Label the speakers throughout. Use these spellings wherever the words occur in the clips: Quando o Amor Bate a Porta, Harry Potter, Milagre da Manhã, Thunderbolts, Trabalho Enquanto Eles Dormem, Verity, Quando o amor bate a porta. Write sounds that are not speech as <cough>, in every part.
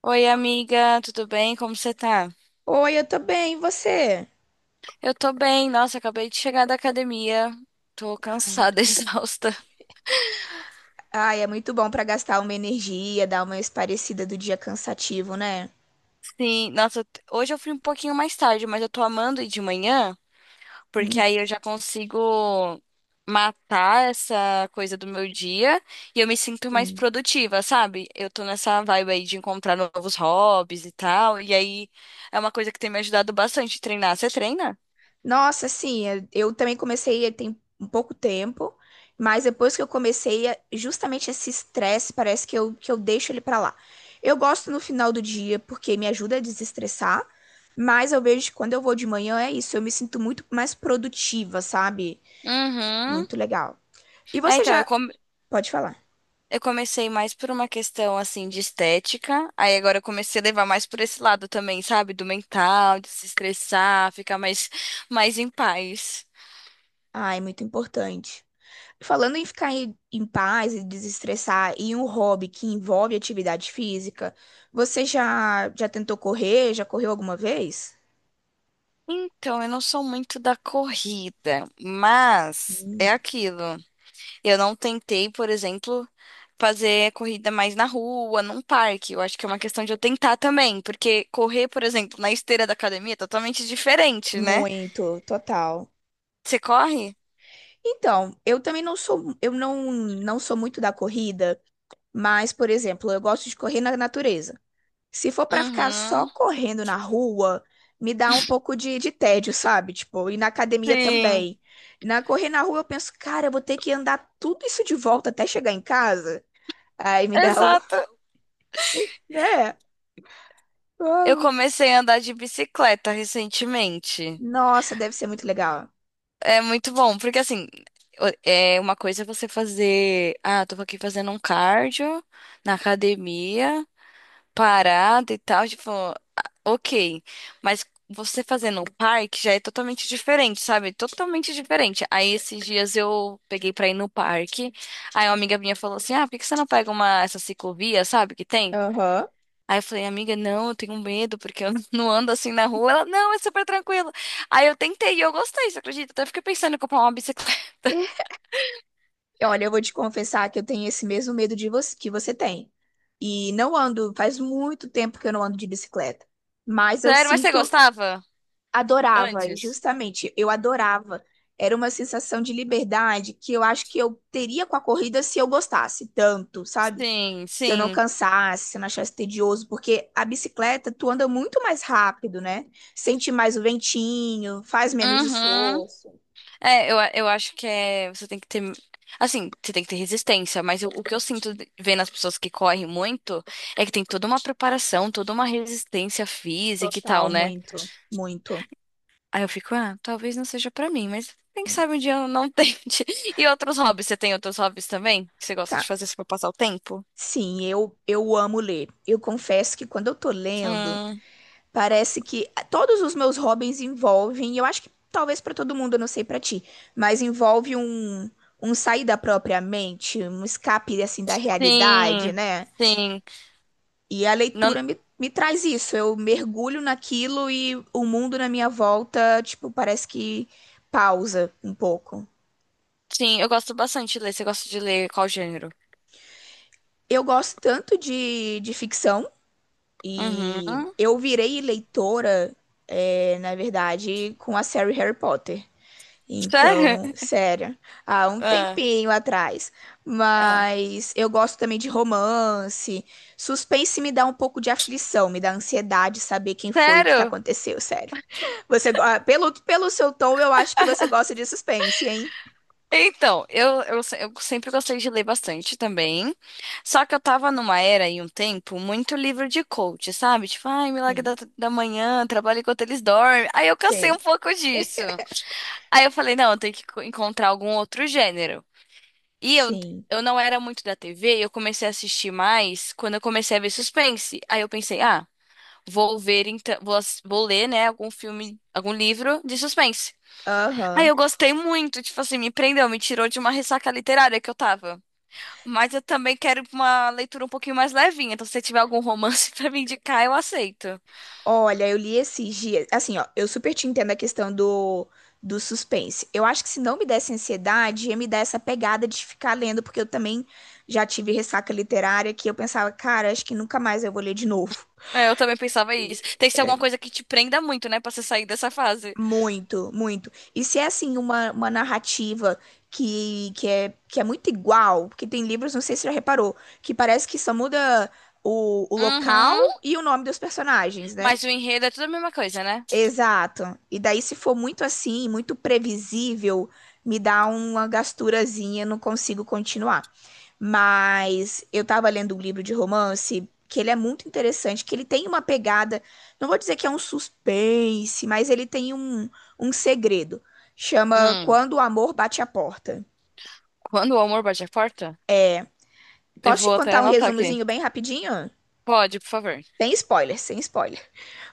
Speaker 1: Oi, amiga, tudo bem? Como você tá?
Speaker 2: Oi, eu tô bem, e você?
Speaker 1: Eu tô bem, nossa, acabei de chegar da academia. Tô
Speaker 2: Ai, muito
Speaker 1: cansada, <laughs>
Speaker 2: bom.
Speaker 1: exausta.
Speaker 2: Ai, é muito bom pra gastar uma energia, dar uma esparecida do dia cansativo, né?
Speaker 1: Sim, nossa, hoje eu fui um pouquinho mais tarde, mas eu tô amando ir de manhã, porque
Speaker 2: Hum.
Speaker 1: aí eu já consigo matar essa coisa do meu dia e eu me sinto mais
Speaker 2: Sim.
Speaker 1: produtiva, sabe? Eu tô nessa vibe aí de encontrar novos hobbies e tal, e aí é uma coisa que tem me ajudado bastante a treinar. Você treina?
Speaker 2: Nossa, sim. Eu também comecei tem um pouco tempo, mas depois que eu comecei, justamente esse estresse, parece que eu deixo ele pra lá. Eu gosto no final do dia porque me ajuda a desestressar, mas eu vejo que quando eu vou de manhã é isso, eu me sinto muito mais produtiva, sabe?
Speaker 1: Uhum.
Speaker 2: Muito legal. E
Speaker 1: É,
Speaker 2: você
Speaker 1: então, eu
Speaker 2: já pode falar.
Speaker 1: Eu comecei mais por uma questão assim de estética, aí agora eu comecei a levar mais por esse lado também, sabe? Do mental, de se estressar, ficar mais em paz.
Speaker 2: Ai, muito importante. Falando em ficar em paz e desestressar e um hobby que envolve atividade física, você já tentou correr? Já correu alguma vez?
Speaker 1: Então, eu não sou muito da corrida, mas
Speaker 2: Hum.
Speaker 1: é aquilo. Eu não tentei, por exemplo, fazer corrida mais na rua, num parque. Eu acho que é uma questão de eu tentar também, porque correr, por exemplo, na esteira da academia é totalmente diferente, né?
Speaker 2: Muito, total.
Speaker 1: Você corre?
Speaker 2: Então, eu também não sou, eu não sou muito da corrida, mas, por exemplo, eu gosto de correr na natureza. Se for pra ficar só
Speaker 1: Uhum.
Speaker 2: correndo na rua, me dá um pouco de tédio, sabe? Tipo, e na academia
Speaker 1: Sim,
Speaker 2: também. Na correr na rua, eu penso, cara, eu vou ter que andar tudo isso de volta até chegar em casa. Aí me dá o. <laughs>
Speaker 1: exato.
Speaker 2: Né?
Speaker 1: Eu
Speaker 2: Uau.
Speaker 1: comecei a andar de bicicleta recentemente.
Speaker 2: Nossa, deve ser muito legal.
Speaker 1: É muito bom, porque assim, é uma coisa é você fazer, ah, tô aqui fazendo um cardio na academia, parada e tal, tipo, ah, ok. Mas você fazendo um parque já é totalmente diferente, sabe? Totalmente diferente. Aí esses dias eu peguei pra ir no parque, aí uma amiga minha falou assim, ah, por que que você não pega uma, essa ciclovia, sabe, que tem?
Speaker 2: Aham.
Speaker 1: Aí eu falei, amiga, não, eu tenho medo, porque eu <laughs> não ando assim na rua. Ela, não, é super tranquilo. Aí eu tentei e eu gostei, você acredita? Até fiquei pensando em comprar uma bicicleta.
Speaker 2: E olha, eu vou te confessar que eu tenho esse mesmo medo de você, que você tem. E não ando, faz muito tempo que eu não ando de bicicleta. Mas
Speaker 1: <laughs>
Speaker 2: eu
Speaker 1: Sério, mas você
Speaker 2: sinto,
Speaker 1: gostava?
Speaker 2: adorava, e
Speaker 1: Antes?
Speaker 2: justamente, eu adorava. Era uma sensação de liberdade que eu acho que eu teria com a corrida se eu gostasse tanto, sabe?
Speaker 1: Sim,
Speaker 2: Se eu não
Speaker 1: sim.
Speaker 2: cansasse, se eu não achasse tedioso, porque a bicicleta tu anda muito mais rápido, né? Sente mais o ventinho, faz menos
Speaker 1: Uhum.
Speaker 2: esforço.
Speaker 1: É, eu acho que é, você tem que ter. Assim, você tem que ter resistência, mas o que eu sinto vendo as pessoas que correm muito é que tem toda uma preparação, toda uma resistência física e tal,
Speaker 2: Total,
Speaker 1: né?
Speaker 2: muito, muito.
Speaker 1: Aí eu fico, ah, talvez não seja pra mim, mas quem sabe um dia eu não tente. <laughs> E outros hobbies? Você tem outros hobbies também? Que você gosta de
Speaker 2: Ca-
Speaker 1: fazer só pra passar o tempo?
Speaker 2: Sim, eu amo ler. Eu confesso que quando eu tô lendo,
Speaker 1: Hum,
Speaker 2: parece que todos os meus hobbies envolvem, e eu acho que talvez pra todo mundo, eu não sei pra ti, mas envolve um sair da própria mente, um escape assim da realidade,
Speaker 1: sim,
Speaker 2: né?
Speaker 1: sim.
Speaker 2: E a
Speaker 1: Não,
Speaker 2: leitura me traz isso. Eu mergulho naquilo e o mundo na minha volta, tipo, parece que pausa um pouco.
Speaker 1: sim, eu gosto bastante de ler. Você gosta de ler qual gênero?
Speaker 2: Eu gosto tanto de ficção e
Speaker 1: Uhum.
Speaker 2: eu virei leitora, na verdade, com a série Harry Potter.
Speaker 1: Sério?
Speaker 2: Então,
Speaker 1: <laughs>
Speaker 2: sério, há um
Speaker 1: Ah,
Speaker 2: tempinho atrás.
Speaker 1: ah.
Speaker 2: Mas eu gosto também de romance. Suspense me dá um pouco de aflição, me dá ansiedade saber quem foi, o que que
Speaker 1: Sério?
Speaker 2: aconteceu, sério. <laughs> Você, pelo seu tom, eu acho que você gosta de suspense, hein?
Speaker 1: Então, eu, se- eu sempre gostei de ler bastante também. Só que eu tava numa era e um tempo muito livro de coach, sabe? Tipo, ai, Milagre
Speaker 2: Sim,
Speaker 1: da Manhã, Trabalho Enquanto Eles Dormem. Aí eu cansei
Speaker 2: sim.
Speaker 1: um pouco disso. Aí eu falei, não, eu tenho que encontrar algum outro gênero. E eu,
Speaker 2: Sim.
Speaker 1: eu não era muito da TV, eu comecei a assistir mais quando eu comecei a ver suspense. Aí eu pensei, ah, vou ver, então, vou ler, né, algum filme, algum livro de suspense. Aí
Speaker 2: Aham.
Speaker 1: eu gostei muito, tipo assim, me prendeu, me tirou de uma ressaca literária que eu tava. Mas eu também quero uma leitura um pouquinho mais levinha, então se você tiver algum romance <laughs> pra me indicar, eu aceito.
Speaker 2: Olha, eu li esses dias. Assim, ó, eu super te entendo a questão do, do suspense. Eu acho que se não me desse ansiedade, ia me dar essa pegada de ficar lendo, porque eu também já tive ressaca literária que eu pensava, cara, acho que nunca mais eu vou ler de novo.
Speaker 1: É, eu também pensava isso. Tem que ser alguma coisa que te prenda muito, né, pra você sair dessa fase.
Speaker 2: Muito, muito. E se é assim, uma narrativa que é muito igual, porque tem livros, não sei se você já reparou, que parece que só muda o local
Speaker 1: Uhum.
Speaker 2: e o nome dos personagens, né?
Speaker 1: Mas o enredo é tudo a mesma coisa, né?
Speaker 2: Exato. E daí, se for muito assim, muito previsível, me dá uma gasturazinha, não consigo continuar. Mas eu tava lendo um livro de romance que ele é muito interessante, que ele tem uma pegada, não vou dizer que é um suspense, mas ele tem um, um segredo. Chama
Speaker 1: Hum.
Speaker 2: Quando o Amor Bate a Porta.
Speaker 1: Quando o amor bate a porta, eu
Speaker 2: Posso te
Speaker 1: vou até
Speaker 2: contar um
Speaker 1: anotar aqui.
Speaker 2: resumozinho bem rapidinho?
Speaker 1: Pode, por favor.
Speaker 2: Sem spoiler, sem spoiler.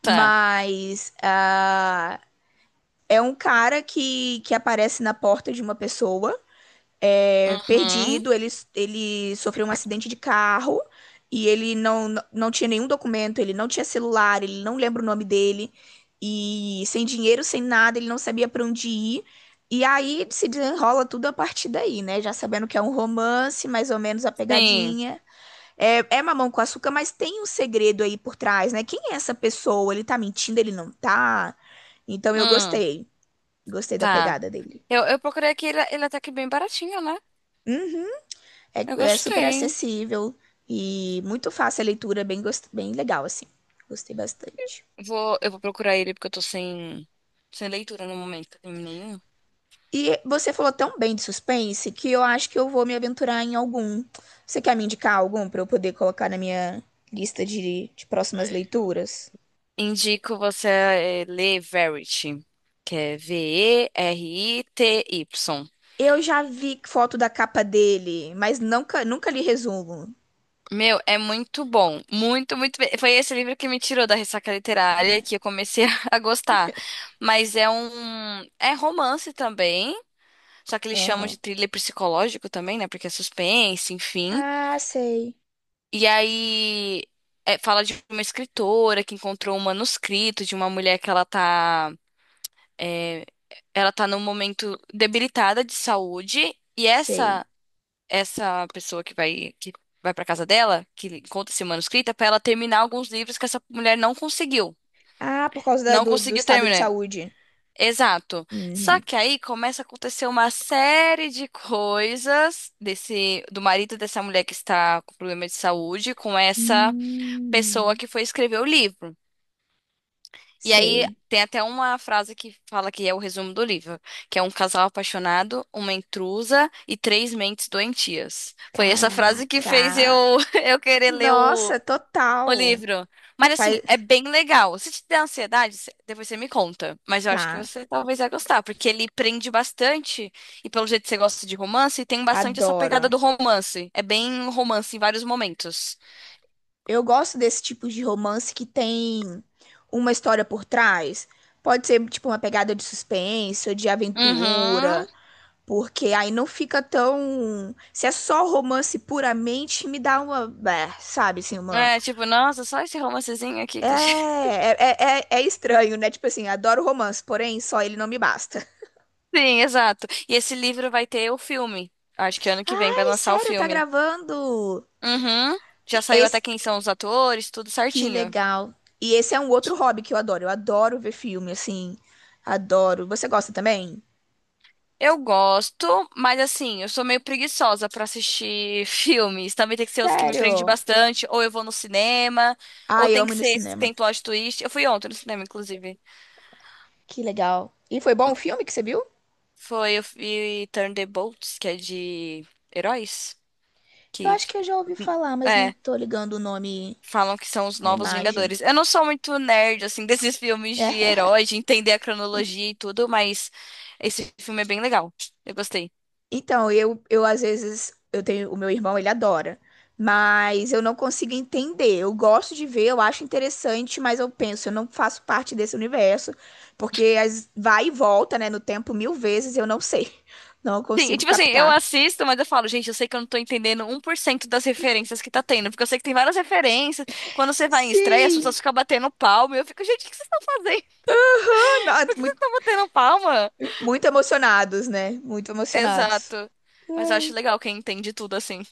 Speaker 1: Tá.
Speaker 2: Mas ah, é um cara que aparece na porta de uma pessoa, é,
Speaker 1: Uhum.
Speaker 2: perdido. Ele sofreu um acidente de carro e ele não, não tinha nenhum documento, ele não tinha celular, ele não lembra o nome dele. E sem dinheiro, sem nada, ele não sabia pra onde ir. E aí se desenrola tudo a partir daí, né? Já sabendo que é um romance, mais ou menos a
Speaker 1: Sim.
Speaker 2: pegadinha. É, é mamão com açúcar, mas tem um segredo aí por trás, né? Quem é essa pessoa? Ele tá mentindo, ele não tá? Então eu
Speaker 1: Hum.
Speaker 2: gostei. Gostei da
Speaker 1: Tá.
Speaker 2: pegada dele.
Speaker 1: Eu procurei aqui, ele é até que bem baratinho, né?
Speaker 2: Uhum.
Speaker 1: Eu
Speaker 2: É, é super
Speaker 1: gostei.
Speaker 2: acessível e muito fácil a leitura, bem, bem legal, assim. Gostei bastante.
Speaker 1: Eu vou procurar ele porque eu tô sem leitura no momento. Terminei um.
Speaker 2: E você falou tão bem de suspense que eu acho que eu vou me aventurar em algum. Você quer me indicar algum para eu poder colocar na minha lista de próximas leituras?
Speaker 1: Indico você ler Verity, que é Verity.
Speaker 2: Eu já vi foto da capa dele, mas nunca, nunca li resumo.
Speaker 1: Meu, é muito bom. Muito, muito bem. Foi esse livro que me tirou da ressaca literária
Speaker 2: Ah,
Speaker 1: que eu comecei <laughs> a gostar. Mas é um. É romance também. Só que eles chamam de
Speaker 2: aham.
Speaker 1: thriller psicológico também, né? Porque é suspense, enfim.
Speaker 2: Ah, sei,
Speaker 1: E aí é, fala de uma escritora que encontrou um manuscrito de uma mulher que é, ela tá num momento debilitada de saúde, e
Speaker 2: sei.
Speaker 1: essa pessoa que vai para casa dela, que encontra esse manuscrito, é para ela terminar alguns livros que essa mulher não conseguiu.
Speaker 2: Ah, por causa da-
Speaker 1: Não
Speaker 2: do
Speaker 1: conseguiu
Speaker 2: estado de
Speaker 1: terminar.
Speaker 2: saúde.
Speaker 1: Exato. Só
Speaker 2: Uhum.
Speaker 1: que aí começa a acontecer uma série de coisas desse do marido dessa mulher que está com problema de saúde, com essa pessoa
Speaker 2: Hum,
Speaker 1: que foi escrever o livro. E aí
Speaker 2: sei.
Speaker 1: tem até uma frase que fala que é o resumo do livro, que é um casal apaixonado, uma intrusa e três mentes doentias. Foi essa frase que fez
Speaker 2: Caraca.
Speaker 1: eu <laughs> eu querer ler o,
Speaker 2: Nossa,
Speaker 1: o
Speaker 2: total.
Speaker 1: livro. Mas assim,
Speaker 2: Faz-
Speaker 1: é bem legal. Se te der ansiedade, depois você me conta. Mas eu acho que
Speaker 2: Tá,
Speaker 1: você talvez vai gostar, porque ele prende bastante, e pelo jeito você gosta de romance, tem bastante essa
Speaker 2: adoro.
Speaker 1: pegada do romance. É bem romance em vários momentos.
Speaker 2: Eu gosto desse tipo de romance que tem uma história por trás. Pode ser tipo uma pegada de suspense ou de
Speaker 1: Uhum.
Speaker 2: aventura, porque aí não fica tão. Se é só romance puramente, me dá uma, é, sabe, assim, uma.
Speaker 1: É, tipo, nossa, só esse romancezinho aqui,
Speaker 2: É,
Speaker 1: clichê. <laughs>
Speaker 2: é, é, é estranho, né? Tipo assim, adoro romance, porém só ele não me basta.
Speaker 1: Sim, exato. E esse livro vai ter o filme. Acho que ano que vem vai
Speaker 2: Ai,
Speaker 1: lançar o
Speaker 2: sério, tá
Speaker 1: filme.
Speaker 2: gravando?
Speaker 1: Uhum. Já saiu até
Speaker 2: Esse,
Speaker 1: quem são os atores, tudo
Speaker 2: que
Speaker 1: certinho.
Speaker 2: legal. E esse é um outro hobby que eu adoro. Eu adoro ver filme, assim. Adoro. Você gosta também?
Speaker 1: Eu gosto, mas assim, eu sou meio preguiçosa pra assistir <laughs> filmes. Também tem que ser os que me prendem
Speaker 2: Sério?
Speaker 1: bastante, ou eu vou no cinema, ou
Speaker 2: Ai, eu
Speaker 1: tem
Speaker 2: amo
Speaker 1: que
Speaker 2: ir no
Speaker 1: ser esses que
Speaker 2: cinema.
Speaker 1: tem plot twist. Eu fui ontem no cinema, inclusive.
Speaker 2: Que legal. E foi bom o filme que você viu?
Speaker 1: Foi, eu vi Thunderbolts, que é de heróis.
Speaker 2: Eu
Speaker 1: Que,
Speaker 2: acho que eu já ouvi falar, mas não
Speaker 1: é.
Speaker 2: tô ligando o nome
Speaker 1: Falam que são os
Speaker 2: à
Speaker 1: novos
Speaker 2: imagem.
Speaker 1: Vingadores. Eu não sou muito nerd, assim, <laughs> desses filmes de
Speaker 2: <laughs>
Speaker 1: herói, de entender a cronologia e tudo, mas esse filme é bem legal. Eu gostei.
Speaker 2: Então, eu às vezes, eu tenho, o meu irmão, ele adora, mas eu não consigo entender. Eu gosto de ver, eu acho interessante, mas eu penso, eu não faço parte desse universo, porque as, vai e volta, né, no tempo mil vezes, eu não sei. <laughs> Não
Speaker 1: Sim, e
Speaker 2: consigo
Speaker 1: tipo assim, eu
Speaker 2: captar.
Speaker 1: assisto, mas eu falo, gente, eu sei que eu não tô entendendo 1% das referências que tá tendo, porque eu sei que tem várias referências. Quando você vai em estreia, as
Speaker 2: Sim!
Speaker 1: pessoas ficam batendo palma, e eu fico, gente, o que vocês estão fazendo? <laughs>
Speaker 2: Não,
Speaker 1: Por que vocês
Speaker 2: muito,
Speaker 1: estão batendo palma?
Speaker 2: muito emocionados, né? Muito emocionados.
Speaker 1: Exato. Mas eu acho
Speaker 2: Ai.
Speaker 1: legal quem entende tudo assim.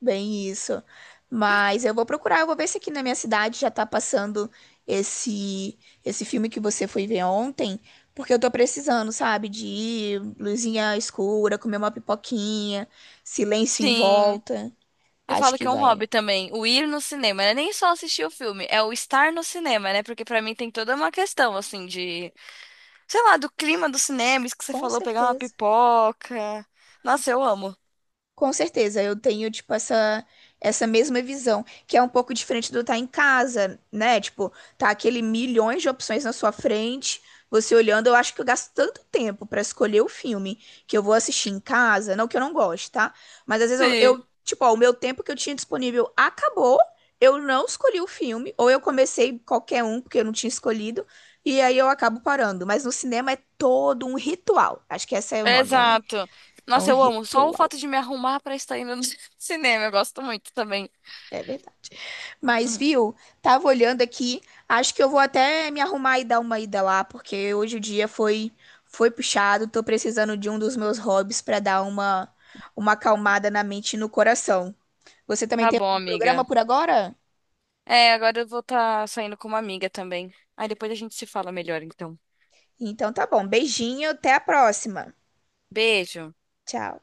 Speaker 2: Bem isso. Mas eu vou procurar, eu vou ver se aqui na minha cidade já tá passando esse esse filme que você foi ver ontem, porque eu tô precisando, sabe, de ir, luzinha escura, comer uma pipoquinha, silêncio em
Speaker 1: Sim.
Speaker 2: volta.
Speaker 1: Eu
Speaker 2: Acho
Speaker 1: falo que
Speaker 2: que
Speaker 1: é um
Speaker 2: vai.
Speaker 1: hobby também, o ir no cinema, né? Nem só assistir o filme, é o estar no cinema, né? Porque pra mim tem toda uma questão, assim, de, sei lá, do clima do cinema, isso que você
Speaker 2: Com
Speaker 1: falou, pegar uma
Speaker 2: certeza.
Speaker 1: pipoca. Nossa, eu amo.
Speaker 2: Com certeza, eu tenho, tipo, essa mesma visão, que é um pouco diferente do estar em casa, né? Tipo, tá aquele milhões de opções na sua frente, você olhando, eu acho que eu gasto tanto tempo pra escolher o filme que eu vou assistir em casa, não que eu não goste, tá? Mas às vezes
Speaker 1: Sim,
Speaker 2: tipo, ó, o meu tempo que eu tinha disponível acabou, eu não escolhi o filme, ou eu comecei qualquer um porque eu não tinha escolhido, e aí eu acabo parando. Mas no cinema é todo um ritual, acho que esse é o nome, é
Speaker 1: exato.
Speaker 2: um
Speaker 1: Nossa, eu amo. Só o
Speaker 2: ritual.
Speaker 1: fato de me arrumar pra estar indo no <laughs> cinema, eu gosto muito também.
Speaker 2: É verdade. Mas,
Speaker 1: Uhum.
Speaker 2: viu? Tava olhando aqui. Acho que eu vou até me arrumar e dar uma ida lá, porque hoje o dia foi foi puxado. Tô precisando de um dos meus hobbies pra dar uma acalmada na mente e no coração. Você também
Speaker 1: Tá
Speaker 2: tem
Speaker 1: bom,
Speaker 2: algum programa
Speaker 1: amiga.
Speaker 2: por agora?
Speaker 1: É, agora eu vou estar saindo com uma amiga também. Aí depois a gente se fala melhor, então.
Speaker 2: Então tá bom. Beijinho, até a próxima.
Speaker 1: Beijo.
Speaker 2: Tchau.